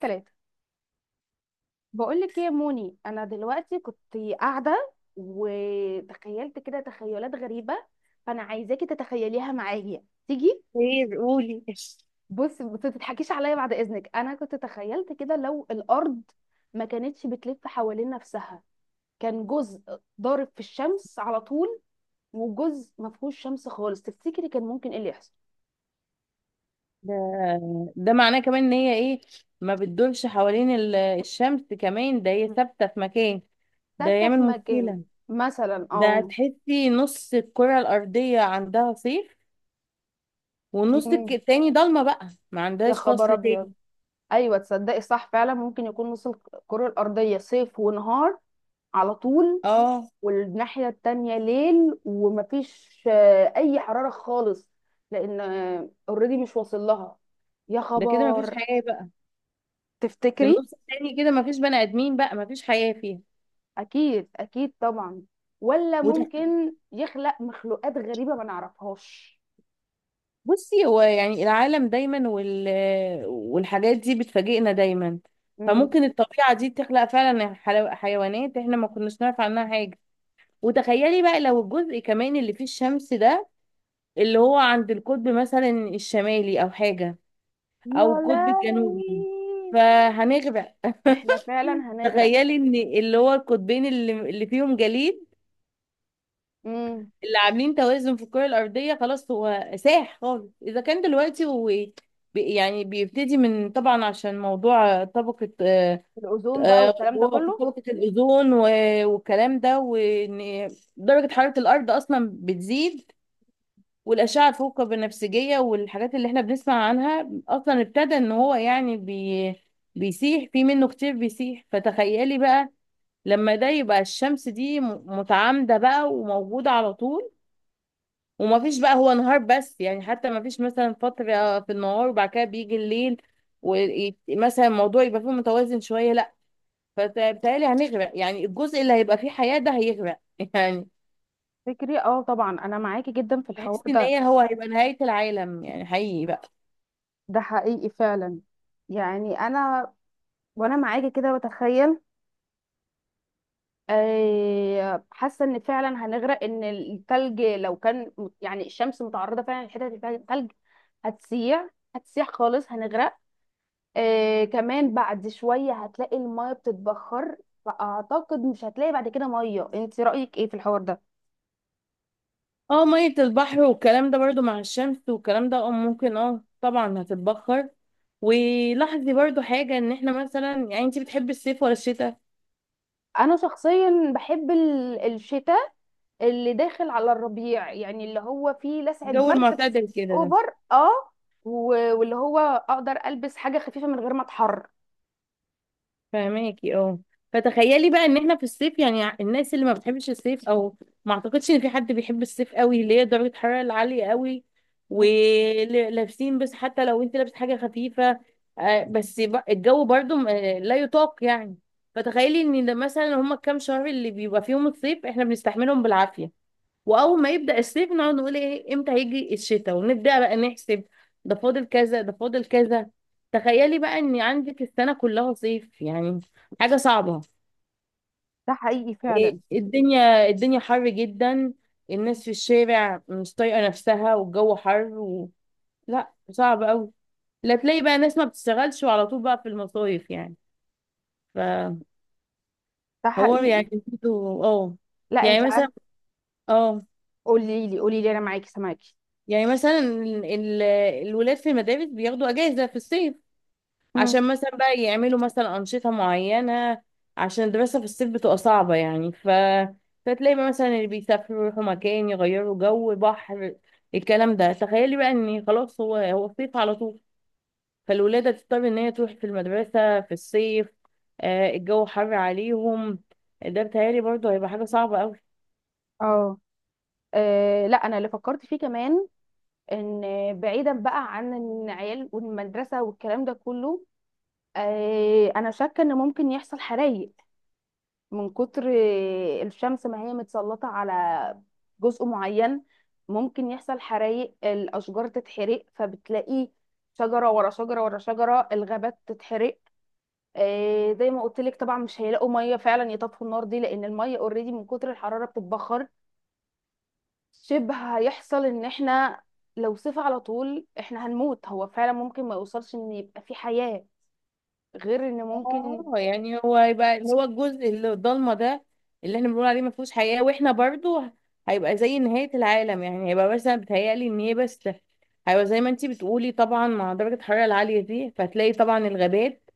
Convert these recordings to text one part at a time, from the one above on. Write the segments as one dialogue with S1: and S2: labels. S1: ثلاثة. بقولك ايه يا موني؟ انا دلوقتي كنت قاعدة وتخيلت كده تخيلات غريبة، فانا عايزاكي تتخيليها معايا، تيجي.
S2: خير قولي.
S1: بص، ما تضحكيش عليا بعد اذنك، انا كنت تخيلت كده لو الارض ما كانتش بتلف حوالين نفسها، كان جزء ضارب في الشمس على طول، وجزء ما فيهوش شمس خالص. تفتكري كان ممكن ايه اللي يحصل؟
S2: ده ده معناه كمان ان هي ايه؟ ما بتدورش حوالين الشمس كمان، ده هي ثابته في مكان، ده
S1: ثابتة
S2: يعمل
S1: في مكان،
S2: مشكله.
S1: مثلا،
S2: ده
S1: اه.
S2: تحسي نص الكره الارضيه عندها صيف، والنص
S1: مم.
S2: التاني ضلمه، بقى ما
S1: يا
S2: عندهاش
S1: خبر
S2: فصل تاني.
S1: ابيض! ايوه، تصدقي صح، فعلا ممكن يكون نص الكرة الأرضية صيف ونهار على طول،
S2: اه
S1: والناحية التانية ليل ومفيش أي حرارة خالص، لأن اوريدي مش واصل لها. يا
S2: ده كده ما فيش
S1: خبر.
S2: حياه بقى، في
S1: تفتكري؟
S2: النص التاني كده ما فيش بني ادمين بقى، ما فيش حياه فيها.
S1: أكيد أكيد طبعا. ولا ممكن يخلق مخلوقات غريبة ما نعرفهاش؟
S2: بصي، هو يعني العالم دايما والحاجات دي بتفاجئنا دايما.
S1: مم.
S2: فممكن الطبيعة دي تخلق فعلا حيوانات احنا ما كناش نعرف عنها حاجة. وتخيلي بقى لو الجزء كمان اللي فيه الشمس ده، اللي هو عند القطب مثلا الشمالي او حاجة،
S1: يا
S2: او القطب الجنوبي،
S1: لهوي.
S2: فهنغرق.
S1: احنا فعلا هنغرق.
S2: تخيلي ان اللي هو القطبين اللي فيهم جليد،
S1: مم.
S2: اللي عاملين توازن في الكرة الأرضية، خلاص هو ساح خالص. إذا كان دلوقتي هو يعني بيبتدي من، طبعا عشان موضوع طبقة
S1: الأوزون بقى والكلام
S2: اللي
S1: ده
S2: هو
S1: كله.
S2: طبقة الأوزون والكلام ده، وإن درجة حرارة الأرض أصلا بتزيد، والأشعة الفوق البنفسجية والحاجات اللي احنا بنسمع عنها أصلا ابتدى إن هو يعني بيسيح في، منه كتير بيسيح. فتخيلي بقى لما ده يبقى الشمس دي متعامدة بقى وموجودة على طول، وما فيش بقى هو نهار بس، يعني حتى ما فيش مثلا فترة في النهار وبعد كده بيجي الليل ومثلا الموضوع يبقى فيه متوازن شوية، لا. فبالتالي هنغرق، يعني الجزء اللي هيبقى فيه حياة ده هيغرق يعني.
S1: فكري، اه طبعا انا معاكي جدا في
S2: تحس
S1: الحوار
S2: ان
S1: ده.
S2: هي هو هيبقى نهاية العالم، يعني حقيقي بقى.
S1: ده حقيقي فعلا. يعني انا، وانا معاكي كده بتخيل، حاسه ان فعلا هنغرق، ان التلج لو كان يعني الشمس متعرضه فعلا لحته اللي فيها تلج، هتسيح، هتسيح خالص، هنغرق. كمان بعد شويه هتلاقي الميه بتتبخر، فاعتقد مش هتلاقي بعد كده ميه. انت رايك ايه في الحوار ده؟
S2: اه مية البحر والكلام ده برضو مع الشمس والكلام ده، اه ممكن، اه طبعا هتتبخر. ولاحظي برضو حاجة، ان احنا مثلا، يعني انت بتحبي الصيف ولا الشتاء؟
S1: انا شخصيا بحب الشتاء، اللي داخل على الربيع، يعني اللي هو فيه لسعة
S2: الجو
S1: برد بس.
S2: المعتدل كده ده.
S1: اوفر، اه. واللي هو اقدر البس حاجة خفيفة من غير ما اتحر.
S2: فهماكي، اه. فتخيلي بقى ان احنا في الصيف، يعني الناس اللي ما بتحبش الصيف، او ما اعتقدش ان في حد بيحب الصيف قوي، اللي هي درجة الحرارة العالية قوي. ولابسين بس، حتى لو انت لابس حاجة خفيفة، بس الجو برضو لا يطاق يعني. فتخيلي ان ده مثلا، هما كام شهر اللي بيبقى فيهم الصيف احنا بنستحملهم بالعافية، واول ما يبدا الصيف نقعد نقول ايه، امتى هيجي الشتاء، ونبدا بقى نحسب ده فاضل كذا، ده فاضل كذا. تخيلي بقى ان عندك السنه كلها صيف، يعني حاجه صعبه.
S1: ده حقيقي
S2: إيه
S1: فعلا.
S2: الدنيا، الدنيا حر جدا، الناس في الشارع مش طايقه نفسها والجو حر. لا صعب قوي. لا تلاقي بقى ناس ما بتشتغلش وعلى طول بقى في المصايف يعني. فحوار،
S1: ده حقيقي.
S2: يعني اه.
S1: لا، انت
S2: يعني مثلا،
S1: عارف.
S2: اه.
S1: قولي لي، قولي لي، انا معاكي، سامعاكي.
S2: يعني مثلا الولاد في المدارس بياخدوا اجازه في الصيف،
S1: مم.
S2: عشان مثلا بقى يعملوا مثلا أنشطة معينة، عشان الدراسة في الصيف بتبقى صعبة يعني. فتلاقي بقى مثلا اللي بيسافروا يروحوا مكان يغيروا جو، بحر، الكلام ده. تخيلي بقى ان خلاص هو صيف على طول، فالولادة تضطر ان هي تروح في المدرسة في الصيف، آه الجو حر عليهم. ده بتهيألي برضه هيبقى حاجة صعبة.
S1: اه. لا، انا اللي فكرت فيه كمان، ان، بعيدا بقى عن العيال والمدرسه والكلام ده كله، انا شاكه ان ممكن يحصل حرايق، من كتر الشمس ما هي متسلطة على جزء معين. ممكن يحصل حرايق، الأشجار تتحرق، فبتلاقي شجرة ورا شجرة ورا شجرة، الغابات تتحرق. زي ما قلت لك، طبعا مش هيلاقوا مية فعلا يطفوا النار دي، لأن المية اوريدي من كتر الحرارة بتتبخر. شبه هيحصل إن احنا لو صيف على طول احنا هنموت. هو فعلا ممكن ما يوصلش إن يبقى في حياة، غير إن ممكن.
S2: اه يعني هو هيبقى اللي هو الجزء اللي الضلمه ده، اللي احنا بنقول عليه ما فيهوش حياه، واحنا برضو هيبقى زي نهايه العالم يعني. هيبقى مثلا بتهيألي ان هي بس، هيبقى زي ما انتي بتقولي طبعا، مع درجه الحراره العاليه دي، فهتلاقي طبعا الغابات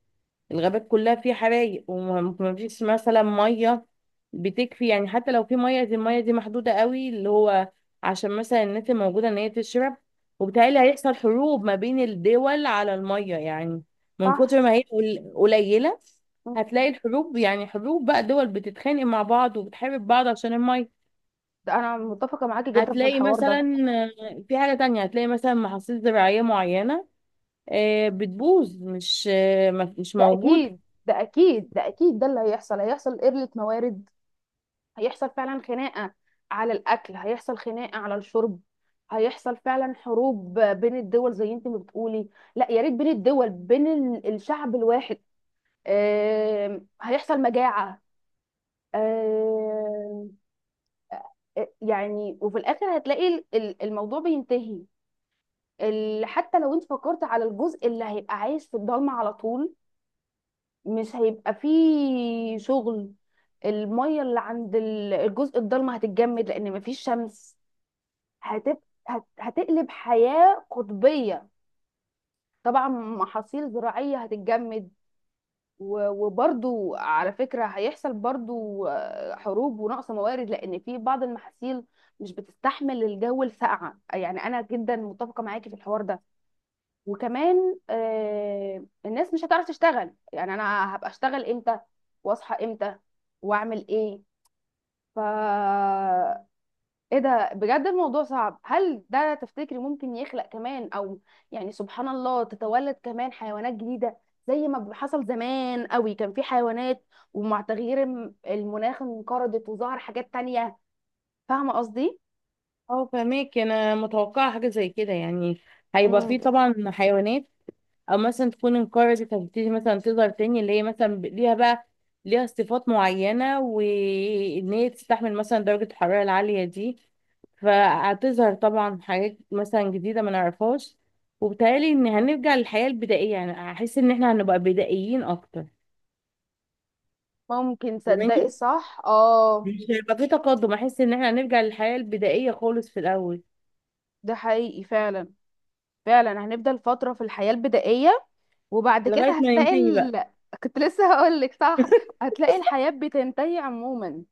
S2: الغابات كلها فيه حرايق، وما فيش مثلا ميه بتكفي يعني. حتى لو في ميه، دي الميه دي محدوده قوي، اللي هو عشان مثلا الناس الموجوده ان هي تشرب. وبالتالي هيحصل حروب ما بين الدول على الميه يعني، من
S1: صح.
S2: كتر ما هي قليله. هتلاقي الحروب، يعني حروب بقى دول بتتخانق مع بعض وبتحارب بعض عشان الميه.
S1: ده أنا متفقة معاكي جدا في
S2: هتلاقي
S1: الحوار
S2: مثلا،
S1: ده.
S2: في حاجة تانية، هتلاقي مثلا محاصيل زراعية معينة بتبوظ، مش مش
S1: ده
S2: موجودة.
S1: اكيد، ده اكيد، ده اكيد، ده اللي هيحصل. هيحصل قلة موارد، هيحصل فعلا خناقة على الاكل، هيحصل خناقة على الشرب، هيحصل فعلا حروب بين الدول زي انت ما بتقولي. لا يا ريت بين الدول، بين الشعب الواحد. هيحصل مجاعة. آم، يعني وفي الاخر هتلاقي الموضوع بينتهي. حتى لو انت فكرت على الجزء اللي هيبقى عايش في الضلمة على طول، مش هيبقى فيه شغل. المية اللي عند الجزء الضلمة هتتجمد، لأن مفيش شمس. هتبقى، هتقلب حياة قطبية. طبعا محاصيل زراعية هتتجمد. وبرضو على فكرة هيحصل برضو حروب ونقص موارد، لأن في بعض المحاصيل مش بتستحمل الجو الساقعة، يعني أنا جدا متفقة معاكي في الحوار ده. وكمان الناس مش هتعرف تشتغل، يعني انا هبقى اشتغل امتى؟ واصحى امتى؟ واعمل ايه؟ ف ايه ده؟ بجد الموضوع صعب. هل ده تفتكري ممكن يخلق كمان، او يعني سبحان الله تتولد كمان حيوانات جديدة؟ زي ما حصل زمان قوي، كان في حيوانات، ومع تغيير المناخ انقرضت، وظهر حاجات تانية. فاهمة قصدي؟
S2: اه فهماك، انا متوقعه حاجه زي كده يعني. هيبقى فيه
S1: مم.
S2: طبعا حيوانات، او مثلا تكون انقرضت هتبتدي مثلا تظهر تاني، اللي هي مثلا ليها بقى ليها صفات معينه، وان هي تستحمل مثلا درجه الحراره العاليه دي. فهتظهر طبعا حاجات مثلا جديده ما نعرفهاش. وبالتالي ان هنرجع للحياه البدائيه يعني، هحس ان احنا هنبقى بدائيين اكتر.
S1: ممكن، تصدقي
S2: فاهماني،
S1: صح، اه.
S2: مش هيبقى في تقدم. احس ان احنا هنرجع للحياه البدائيه خالص في الاول،
S1: ده حقيقي فعلا، فعلا هنفضل فترة في الحياة البدائية. وبعد كده
S2: لغايه ما
S1: هتلاقي
S2: ننتهي بقى.
S1: كنت لسه هقول لك، صح؟ هتلاقي الحياة بتنتهي عموما.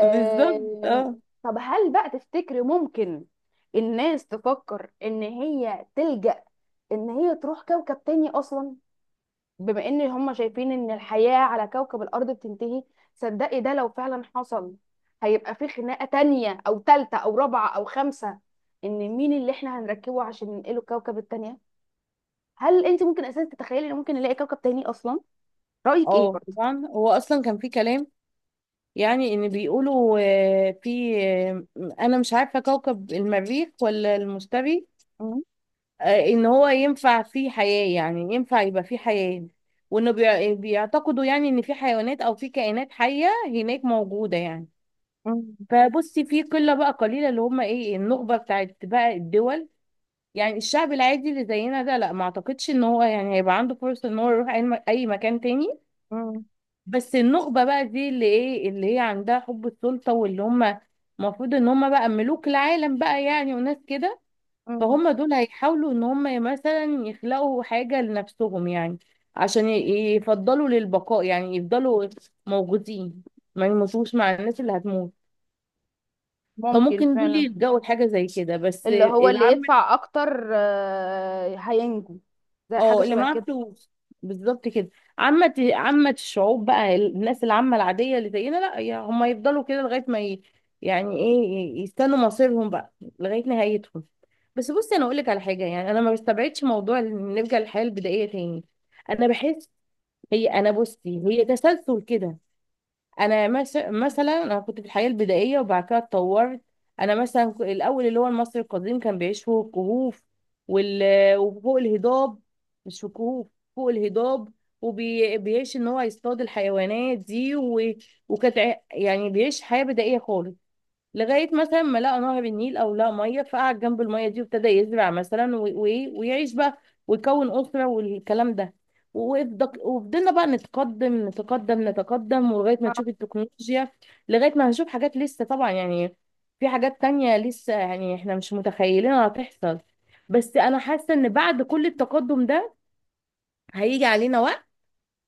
S2: بالظبط اه.
S1: طب هل بقى تفتكري ممكن الناس تفكر ان هي تلجأ، ان هي تروح كوكب تاني اصلا، بما ان هم شايفين ان الحياة على كوكب الارض بتنتهي؟ صدقي ده لو فعلا حصل، هيبقى في خناقة تانية او تالتة او رابعة او خمسة، ان مين اللي احنا هنركبه عشان ننقله الكوكب التانية؟ هل انت ممكن اساسا تتخيلي ان ممكن نلاقي كوكب تاني اصلا؟ رايك ايه
S2: اه
S1: برضه؟
S2: طبعا هو اصلا كان في كلام، يعني ان بيقولوا، آه، في آه، انا مش عارفه كوكب المريخ ولا المشتري،
S1: مم.
S2: ان هو ينفع فيه حياه، يعني ينفع يبقى فيه حياه. وانه بيعتقدوا يعني ان في حيوانات او في كائنات حيه هناك موجوده يعني.
S1: مم.
S2: فبصي، في قله بقى قليله اللي هم ايه، النخبه بتاعت بقى الدول. يعني الشعب العادي اللي زينا ده لا، ما اعتقدش ان هو يعني هيبقى عنده فرصه ان هو يروح اي أي مكان تاني.
S1: مم.
S2: بس النخبة بقى دي اللي ايه، اللي هي عندها حب السلطة، واللي هم المفروض ان هم بقى ملوك العالم بقى يعني، وناس كده.
S1: مم.
S2: فهم دول هيحاولوا ان هم مثلا يخلقوا حاجة لنفسهم، يعني عشان يفضلوا للبقاء، يعني يفضلوا موجودين، ما يموتوش مع الناس اللي هتموت.
S1: ممكن
S2: فممكن دول
S1: فعلا.
S2: يلجأوا لحاجة زي كده، بس
S1: اللي هو اللي
S2: العامة.
S1: يدفع اكتر هينجو، زي حاجه
S2: اه اللي
S1: شبه
S2: معاه
S1: كده.
S2: فلوس بالظبط كده. عامة الشعوب بقى، الناس العامة العادية اللي زينا، لا يا هم يفضلوا كده لغاية ما يعني ايه، يستنوا مصيرهم بقى، لغاية نهايتهم. بس بصي انا اقول لك على حاجة، يعني انا ما بستبعدش موضوع إن نرجع للحياة البدائية تاني. انا بحس، هي انا بصي هي تسلسل كده. انا مثلا انا كنت في الحياه البدائيه وبعد كده اتطورت. انا مثلا الاول اللي هو المصري القديم كان بيعيش فوق الكهوف وال... وفوق الهضاب، مش في الكهوف، فوق الهضاب. وبيعيش ان هو يصطاد الحيوانات دي. وكانت يعني بيعيش حياه بدائيه خالص، لغايه مثلا ما لقى نهر النيل او لقى ميه، فقعد جنب الميه دي وابتدى يزرع مثلا ويعيش بقى، ويكون اسره والكلام ده. وفضلنا بقى نتقدم نتقدم نتقدم، ولغايه ما
S1: آه.
S2: نشوف التكنولوجيا، لغايه ما هنشوف حاجات لسه طبعا يعني، في حاجات تانية لسه يعني احنا مش متخيلينها هتحصل. بس انا حاسه ان بعد كل التقدم ده، هيجي علينا وقت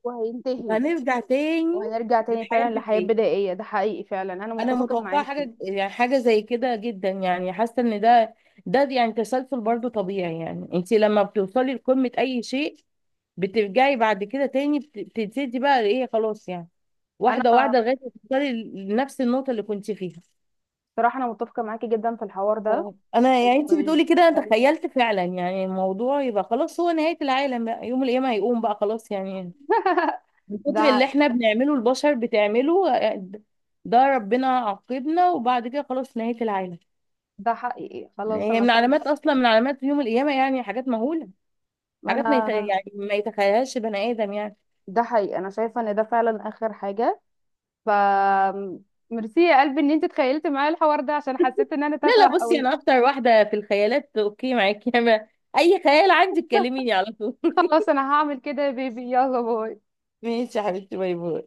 S1: وهينتهي.
S2: وهنرجع تاني
S1: وهنرجع تاني
S2: للحياه
S1: فعلا لحياة
S2: البدائيه.
S1: بدائية. ده حقيقي فعلا، انا
S2: انا
S1: متفقة
S2: متوقعه
S1: معاكي.
S2: حاجه، يعني حاجه زي كده جدا. يعني حاسه ان ده، ده يعني تسلسل برضو طبيعي، يعني انت لما بتوصلي لقمه اي شيء، بترجعي بعد كده تاني، بتبتدي بقى ايه، خلاص يعني
S1: انا
S2: واحده واحده، لغايه ما توصلي لنفس النقطه اللي كنت فيها.
S1: صراحة انا متفقة معاكي جدا في الحوار ده.
S2: آه. انا يعني انت
S1: مش
S2: بتقولي كده، انا
S1: عارفة.
S2: تخيلت فعلا يعني الموضوع يبقى خلاص، هو نهايه العالم بقى، يوم القيامه هيقوم بقى خلاص يعني. من كتر
S1: ده
S2: اللي احنا بنعمله، البشر بتعمله، ده ربنا عاقبنا وبعد كده خلاص نهايه العالم.
S1: ده حقيقي،
S2: يعني
S1: خلاص
S2: هي
S1: انا
S2: من
S1: شايفة.
S2: علامات، اصلا من علامات يوم القيامه، يعني حاجات مهوله، حاجات ما يت...
S1: انا
S2: يعني ما يتخيلهاش بني ادم يعني.
S1: ده حقيقي، انا شايفة ان ده فعلا اخر حاجة. ف ميرسي يا قلبي ان انت تخيلتي معايا الحوار ده، عشان حسيت ان انا
S2: لا
S1: تافهه
S2: لا بصي،
S1: قوي.
S2: انا اكتر واحده في الخيالات، اوكي معاكي. انا اي خيال عندي تكلميني على طول.
S1: خلاص انا هعمل كده يا بيبي، يلا باي.
S2: ماشي يا حبيبتي، باي باي.